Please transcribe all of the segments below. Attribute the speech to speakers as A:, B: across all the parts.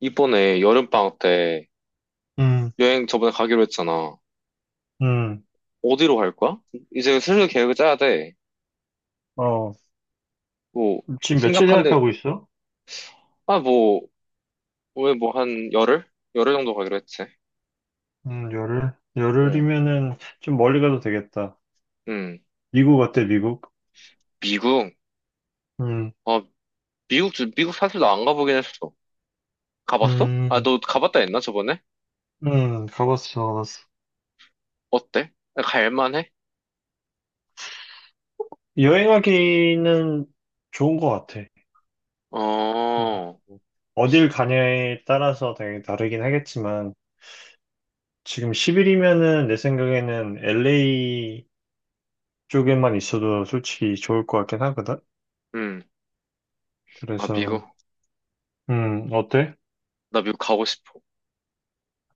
A: 이번에 여름방학 때
B: 음,
A: 여행 저번에 가기로 했잖아.
B: 음,
A: 어디로 갈 거야? 이제 슬슬 계획을 짜야 돼.
B: 어,
A: 뭐,
B: 지금 며칠
A: 생각한데,
B: 생각하고 있어?
A: 아, 뭐, 왜 뭐 한 열흘? 열흘 정도 가기로 했지.
B: 열흘?
A: 응,
B: 열흘이면은 좀 멀리 가도 되겠다.
A: 응.
B: 미국 어때, 미국?
A: 미국?
B: 음,
A: 아, 미국, 미국 사실 나 안 가보긴 했어. 가봤어? 아,
B: 음,
A: 너 가봤다 했나, 저번에?
B: 가봤어, 가봤어.
A: 어때? 갈만해?
B: 여행하기는 좋은 것 같아. 뭐,
A: 어,
B: 어딜 가냐에 따라서 되게 다르긴 하겠지만, 지금 10일이면은 내 생각에는 LA 쪽에만 있어도 솔직히 좋을 것 같긴 하거든?
A: 응. 아, 미국.
B: 그래서, 어때?
A: 나 미국 가고 싶어.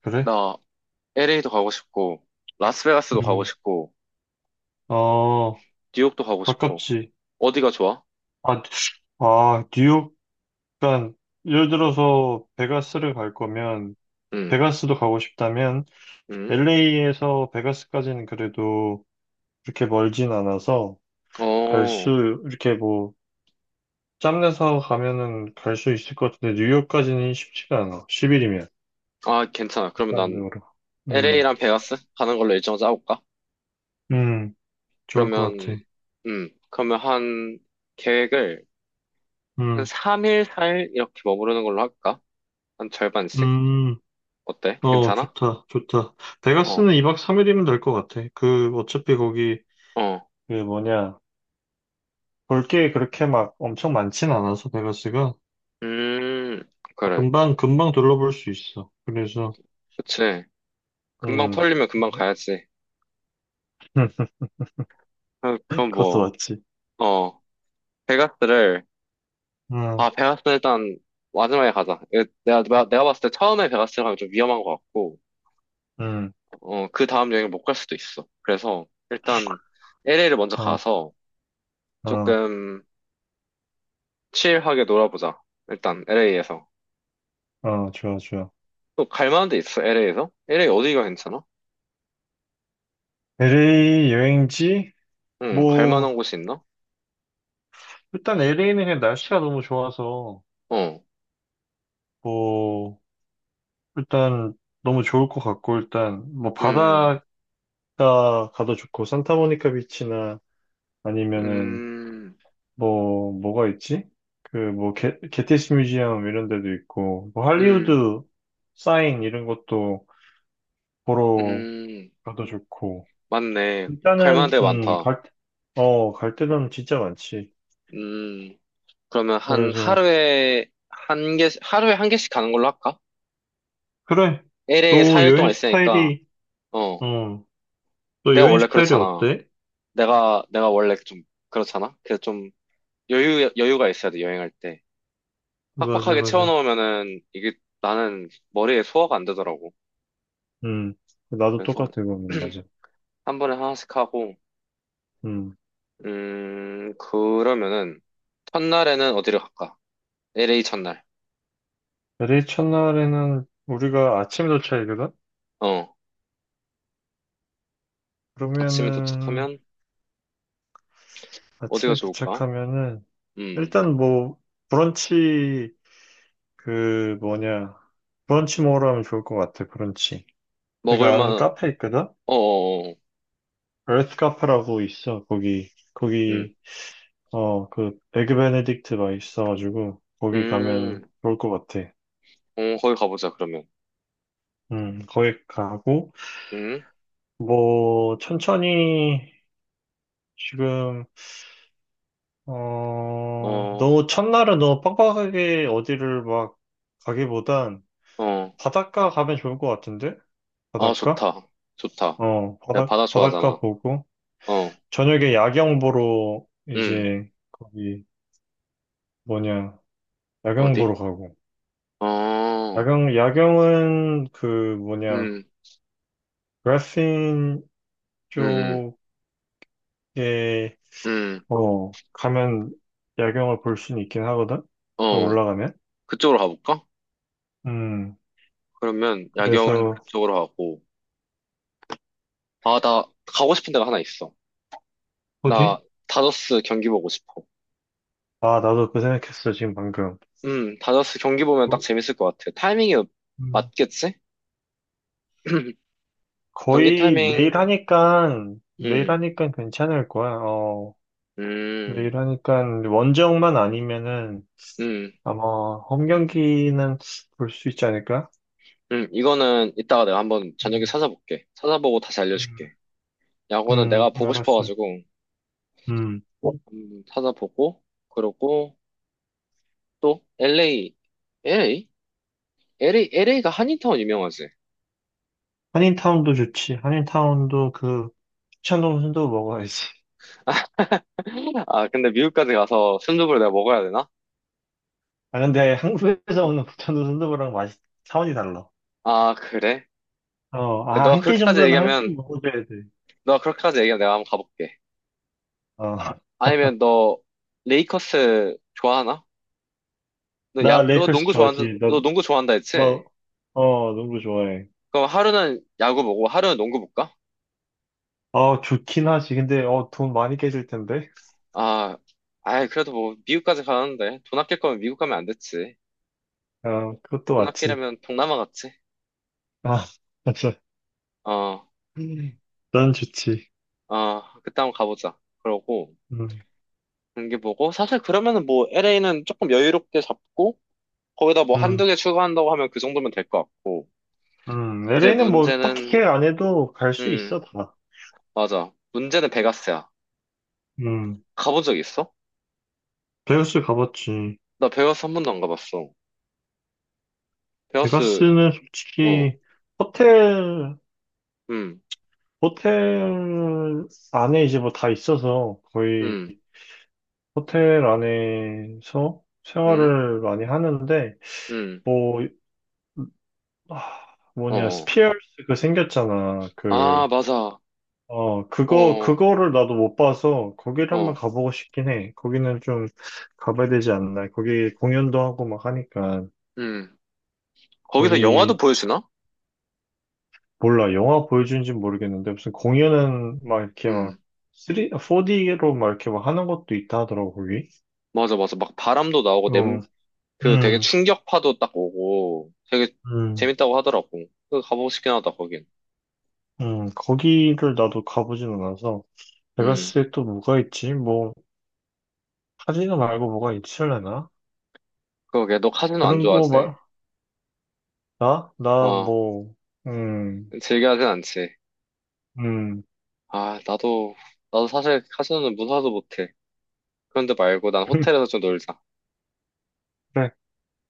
B: 그래?
A: 나 LA도 가고 싶고, 라스베가스도 가고
B: 음,
A: 싶고,
B: 어,
A: 뉴욕도 가고 싶어.
B: 가깝지.
A: 어디가 좋아?
B: 아, 아, 뉴욕, 그러니까 예를 들어서 베가스를 갈 거면
A: 응.
B: 베가스도 가고 싶다면
A: 응.
B: LA에서 베가스까지는 그래도 그렇게 멀진 않아서 갈
A: 어,
B: 수, 이렇게 뭐 짬내서 가면은 갈 수 있을 것 같은데 뉴욕까지는 쉽지가 않아. 10일이면.
A: 아, 괜찮아. 그러면 난
B: 객관적으로. 음,
A: LA랑 베가스 가는 걸로 일정 짜볼까?
B: 음, 좋을 것
A: 그러면,
B: 같아.
A: 그러면 한 계획을 한
B: 음,
A: 3일, 4일 이렇게 머무르는 걸로 할까? 한 절반씩?
B: 음,
A: 어때?
B: 어,
A: 괜찮아?
B: 좋다, 좋다.
A: 어,
B: 베가스는 2박 3일이면 될 것 같아. 그, 어차피 거기,
A: 어,
B: 그 뭐냐. 볼 게 그렇게 막 엄청 많진 않아서 베가스가
A: 음, 그래.
B: 금방 금방 둘러볼 수 있어. 그래서
A: 그치. 금방
B: 음,
A: 털리면 금방 가야지.
B: 음,
A: 아, 그럼
B: 그것도
A: 뭐,
B: 맞지.
A: 어, 베가스를,
B: 음,
A: 아, 베가스 일단 마지막에 가자. 내가 봤을 때 처음에 베가스 가면 좀 위험한 것 같고,
B: 음,
A: 어, 그 다음 여행을 못 갈 수도 있어. 그래서 일단 LA를 먼저
B: 어,
A: 가서
B: 어,
A: 조금 칠하게 놀아보자. 일단 LA에서.
B: 어, 좋아, 좋아.
A: 또 갈 만한 데 있어, LA에서? LA 어디가 괜찮아?
B: LA 여행지?
A: 응, 갈 만한
B: 뭐
A: 곳이 있나?
B: 일단 LA는 그냥 날씨가 너무 좋아서
A: 어,
B: 뭐 일단 너무 좋을 것 같고 일단 뭐
A: 음,
B: 바다가 가도 좋고 산타모니카 비치나 아니면은
A: 음,
B: 뭐, 뭐가 있지? 그, 뭐, 게, 게티스 뮤지엄 이런 데도 있고, 뭐,
A: 음,
B: 할리우드 사인 이런 것도 보러
A: 음,
B: 가도 좋고,
A: 맞네. 갈 만한
B: 일단은,
A: 데 많다.
B: 어, 갈 데는 진짜 많지.
A: 음, 그러면 한
B: 그래서,
A: 하루에 한 개, 하루에 한 개씩 가는 걸로 할까?
B: 그래.
A: LA에
B: 또
A: 4일 동안
B: 여행
A: 있으니까,
B: 스타일이,
A: 어,
B: 어, 또
A: 내가
B: 여행
A: 원래
B: 스타일이
A: 그렇잖아.
B: 어때?
A: 내가 원래 좀 그렇잖아? 그래서 좀 여유가 있어야 돼, 여행할 때.
B: 맞아,
A: 빡빡하게
B: 맞아.
A: 채워놓으면은 이게 나는 머리에 소화가 안 되더라고.
B: 음, 나도
A: 그래서
B: 똑같아, 그거는, 맞아.
A: 한 번에 하나씩 하고,
B: 음,
A: 그러면은 첫날에는 어디를 갈까? LA 첫날.
B: 대리 첫날에는 우리가 아침 도착이거든?
A: 어, 아침에
B: 그러면은,
A: 도착하면 어디가
B: 아침에
A: 좋을까?
B: 도착하면은
A: 음,
B: 일단 뭐 브런치 그 뭐냐 브런치 먹으러 하면 좋을 것 같아 브런치. 내가 아는
A: 먹을만,
B: 카페 있거든.
A: 어어어,
B: 에arth 카페라고 있어. 거기
A: 음,
B: 거기 어 그 에그 베네딕트 맛있어가지고 거기
A: 음,
B: 가면 좋을 것 같아.
A: 어, 거기 가보자, 그러면.
B: 거기 가고
A: 음,
B: 뭐 천천히 지금 어
A: 어,
B: 너무 첫날은 너무 빡빡하게 어디를 막 가기보단
A: 어,
B: 바닷가 가면 좋을 것 같은데.
A: 아,
B: 바닷가?
A: 좋다. 좋다.
B: 어,
A: 내가
B: 바다,
A: 바다
B: 바닷가
A: 좋아하잖아.
B: 보고,
A: 어,
B: 저녁에 야경 보러
A: 음,
B: 이제 거기 뭐냐, 야경 보러
A: 어디?
B: 가고.
A: 어,
B: 야경, 야경은 그 뭐냐,
A: 음,
B: 그라핀
A: 음, 음,
B: 쪽에,
A: 음,
B: 어, 가면 야경을 볼 수는 있긴 하거든? 그
A: 어,
B: 올라가면?
A: 그쪽으로 가볼까?
B: 음,
A: 그러면 야경은
B: 그래서,
A: 그쪽으로 가고. 아, 나 가고 싶은 데가 하나 있어. 나
B: 어디?
A: 다저스 경기 보고 싶어.
B: 아, 나도 그 생각했어, 지금 방금.
A: 다저스 경기 보면 딱
B: 뭐,
A: 재밌을 것 같아. 타이밍이
B: 음,
A: 맞겠지? 경기
B: 거의 매일
A: 타이밍,
B: 하니까, 매일
A: 음,
B: 하니까 괜찮을 거야, 어.
A: 음,
B: 내일 하니까 원정만 아니면은
A: 음,
B: 아마 홈 경기는 볼 수 있지 않을까?
A: 이거는 이따가 내가 한번 저녁에
B: 음,
A: 찾아볼게. 찾아보고 다시
B: 음,
A: 알려줄게. 야구는 내가 보고
B: 알았어.
A: 싶어가지고,
B: 어,
A: 한번 찾아보고, 그러고, 또 LA, LA? LA, LA가 한인타운 유명하지?
B: 한인타운도 좋지. 한인타운도 그 북창동 순두부 먹어야지.
A: 아, 근데 미국까지 가서 순두부를 내가 먹어야 되나?
B: 아 근데 한국에서 오는 북창동 순두부랑 맛이 차원이 달라.
A: 아, 그래?
B: 어, 아,
A: 너가
B: 한 끼
A: 그렇게까지
B: 정도는
A: 얘기하면,
B: 한식 먹어줘야 돼.
A: 너가 그렇게까지 얘기하면 내가 한번 가볼게.
B: 어,
A: 아니면 너 레이커스 좋아하나? 너
B: 나
A: 야,
B: 레이커스 좋아하지. 너,
A: 너 농구 좋아한다 했지?
B: 너, 어, 농구 좋아해.
A: 그럼 하루는 야구 보고 하루는 농구 볼까?
B: 어, 좋긴 하지. 근데, 어, 돈 많이 깨질 텐데.
A: 아, 아이, 그래도 뭐 미국까지 가는데 돈 아낄 거면 미국 가면 안 됐지.
B: 어, 그것도
A: 돈
B: 맞지.
A: 아끼려면 동남아 갔지?
B: 아, 맞아.
A: 어,
B: 난 좋지.
A: 어, 그때 한번 가보자. 그러고.
B: 음,
A: 경기 보고 사실 그러면은 뭐 LA는 조금 여유롭게 잡고 거기다 뭐 한두
B: 음,
A: 개 추가한다고 하면 그 정도면 될 것 같고 이제
B: LA는 뭐 딱히
A: 문제는
B: 계획 안 해도 갈 수 있어,
A: 음
B: 다.
A: 맞아 문제는 베가스야.
B: 음,
A: 가본 적 있어?
B: 베가스 가봤지.
A: 나 베가스 한 번도 안 가봤어. 베가스
B: 베가스는 솔직히 호텔, 호텔 안에 이제 뭐 다 있어서 거의 호텔 안에서 생활을
A: 어음음음음어아
B: 많이 하는데, 뭐, 아, 뭐냐, 스피어스 그 생겼잖아. 그
A: 맞아
B: 어, 그거,
A: 어어음
B: 그거를 나도 못 봐서 거기를 한번 가보고 싶긴 해. 거기는 좀 가봐야 되지 않나. 거기 공연도 하고 막 하니까.
A: 거기서 영화도
B: 거기,
A: 보여주나?
B: 몰라. 영화 보여주는지 는 모르겠는데 무슨 공연은 막 이렇게
A: 음
B: 막 3, 4D로 막 이렇게 막 하는 것도 있다 하더라고, 거기.
A: 맞아 맞아 막 바람도 나오고 냄
B: 응,
A: 그 되게
B: 응,
A: 충격파도 딱 오고 되게
B: 응,
A: 재밌다고 하더라고. 그 가보고 싶긴 하다 거긴.
B: 응. 거기를 나도 가보진 않아서.
A: 음,
B: 베가스에 또 뭐가 있지? 뭐, 카지노 말고 뭐가 있을려나?
A: 그러게, 너 카지노 안
B: 그런 거
A: 좋아하지?
B: 말, 나? 나
A: 어,
B: 뭐, 음,
A: 즐겨하진 않지.
B: 음.
A: 아, 나도, 사실 카지노는 무사도 못해. 그런데 말고 난 호텔에서 좀 놀자.
B: 그래.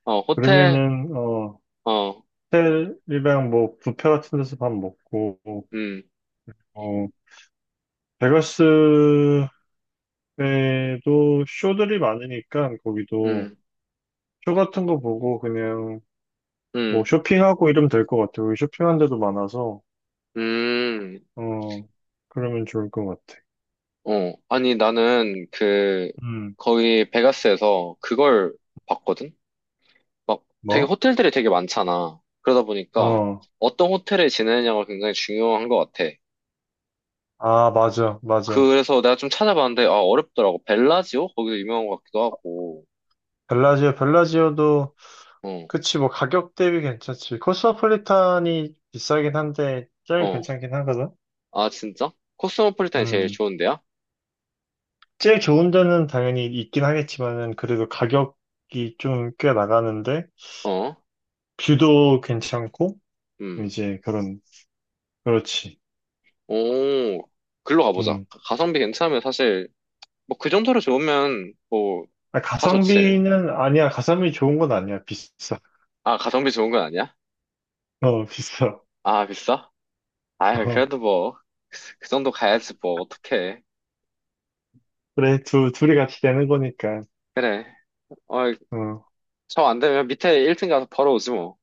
A: 어, 호텔,
B: 그러면은, 어,
A: 어,
B: 호텔이랑 뭐, 뷔페 같은 데서 밥 먹고,
A: 음,
B: 어, 베가스에도 쇼들이 많으니까, 거기도
A: 음,
B: 쇼 같은 거 보고 그냥 뭐
A: 음,
B: 쇼핑하고 이러면 될 것 같아. 거기 쇼핑한 데도 많아서,
A: 음,
B: 어, 그러면 좋을 것 같아.
A: 어. 아니, 나는 그,
B: 음,
A: 거기 베가스에서 그걸 봤거든? 막 되게
B: 뭐?
A: 호텔들이 되게 많잖아. 그러다 보니까
B: 어,
A: 어떤 호텔에 지내느냐가 굉장히 중요한 것 같아.
B: 아, 맞아, 맞아.
A: 그래서 내가 좀 찾아봤는데, 아, 어렵더라고. 벨라지오? 거기도 유명한 것 같기도 하고.
B: 벨라지오, 벨라지오도,
A: 어,
B: 그치, 뭐, 가격 대비 괜찮지. 코스모폴리탄이 비싸긴 한데, 제일
A: 어.
B: 괜찮긴 하거든?
A: 아, 진짜? 코스모폴리탄이 제일
B: 음.
A: 좋은데요?
B: 제일 좋은 데는 당연히 있긴 하겠지만은 그래도 가격이 좀 꽤 나가는데
A: 어,
B: 뷰도 괜찮고
A: 음.
B: 이제 그런 그렇지.
A: 오, 글로 가보자.
B: 음.
A: 가성비 괜찮으면 사실, 뭐, 그 정도로 좋으면, 뭐,
B: 아,
A: 다 좋지.
B: 가성비는 아니야. 가성비 좋은 건 아니야. 비싸.
A: 아, 가성비 좋은 건 아니야?
B: 어, 비싸.
A: 아, 비싸? 아,
B: 어.
A: 그래도 뭐, 그 정도 가야지, 뭐, 어떡해.
B: 그래 두 둘이 같이 내는 거니까.
A: 그래. 어,
B: 어.
A: 저 안 되면 밑에 1층 가서 벌어오지, 뭐.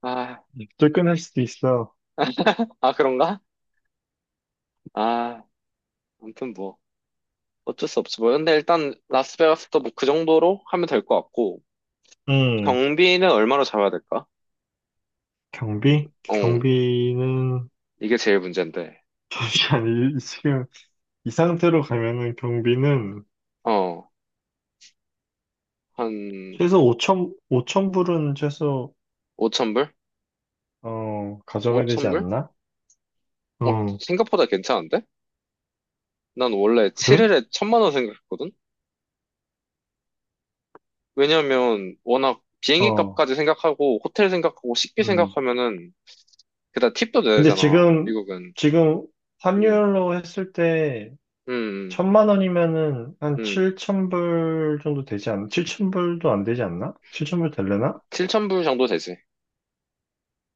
A: 아,
B: 쫓겨날 수도 있어.
A: 아, 그런가? 아, 아무튼 뭐, 어쩔 수 없지, 뭐. 근데 일단, 라스베가스도 뭐, 그 정도로 하면 될 것 같고,
B: 음.
A: 경비는 얼마로 잡아야 될까?
B: 경비?
A: 어,
B: 경비는
A: 이게 제일 문제인데.
B: 잠시만 이- 지금 이 상태로 가면은 경비는
A: 어, 한
B: 최소 5천, 5천 불은 최소
A: 5천불?
B: 어, 가져가야 되지
A: 5천불?
B: 않나?
A: 어,
B: 어,
A: 생각보다 괜찮은데? 난 원래
B: 그래?
A: 7일에 1,000만 원 생각했거든? 왜냐면 워낙 비행기
B: 어,
A: 값까지 생각하고 호텔 생각하고 식비
B: 음.
A: 생각하면은 게다가 팁도 내야
B: 근데
A: 되잖아,
B: 지금,
A: 미국은.
B: 지금
A: 음,
B: 환율로 했을 때,
A: 음,
B: 천만 원이면은 한
A: 음.
B: 7천 불 정도 되지 않나? 7천 불도 안 되지 않나? 7천 불 될려나?
A: 7천 불 정도 되지.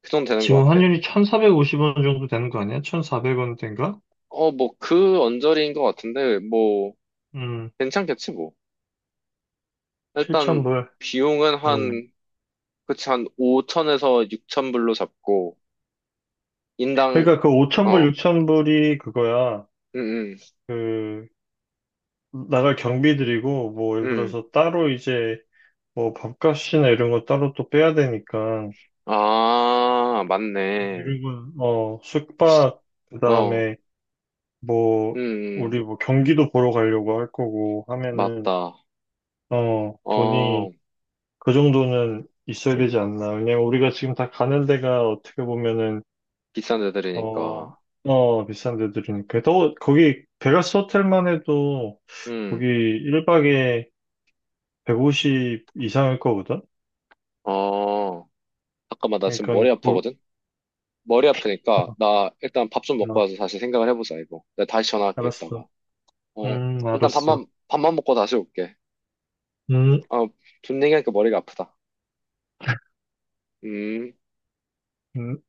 A: 그 정도 되는 것
B: 지금
A: 같아.
B: 환율이 1,450원 정도 되는 거 아니야? 1,400원 된가?
A: 어, 뭐 그 언저리인 것 같은데 뭐
B: 음,
A: 괜찮겠지 뭐.
B: 7천
A: 일단
B: 불.
A: 비용은
B: 음.
A: 한 그치 한 5천에서 6천불로 잡고 인당,
B: 그러니까 그 5천 불,
A: 어,
B: 6천 불이 그거야.
A: 음, 음,
B: 그, 나갈 경비들이고, 뭐, 예를
A: 음.
B: 들어서 따로 이제, 뭐 밥값이나 이런 거 따로 또 빼야 되니까
A: 아, 맞네.
B: 이런 건 어 숙박
A: 어,
B: 그다음에 뭐
A: 음.
B: 우리 뭐 경기도 보러 가려고 할 거고 하면은
A: 맞다.
B: 어 돈이
A: 어,
B: 그 정도는 있어야 되지 않나. 왜냐면 우리가 지금 다 가는 데가 어떻게 보면은
A: 비싼
B: 어
A: 데들이니까.
B: 어 비싼 데들이니까 또 거기 베가스 호텔만 해도 거기
A: 음,
B: 1박에 150 이상일 거거든.
A: 어. 잠깐만, 나 지금
B: 그러니까
A: 머리
B: 거,
A: 아프거든? 머리 아프니까, 나 일단 밥 좀
B: 아,
A: 먹고 와서 다시 생각을 해보자, 이거. 내가 다시 전화할게,
B: 알았어
A: 이따가. 어, 일단
B: 알았어
A: 밥만, 먹고 다시 올게.
B: 음
A: 어, 돈 얘기하니까 머리가 아프다. 음.
B: 음.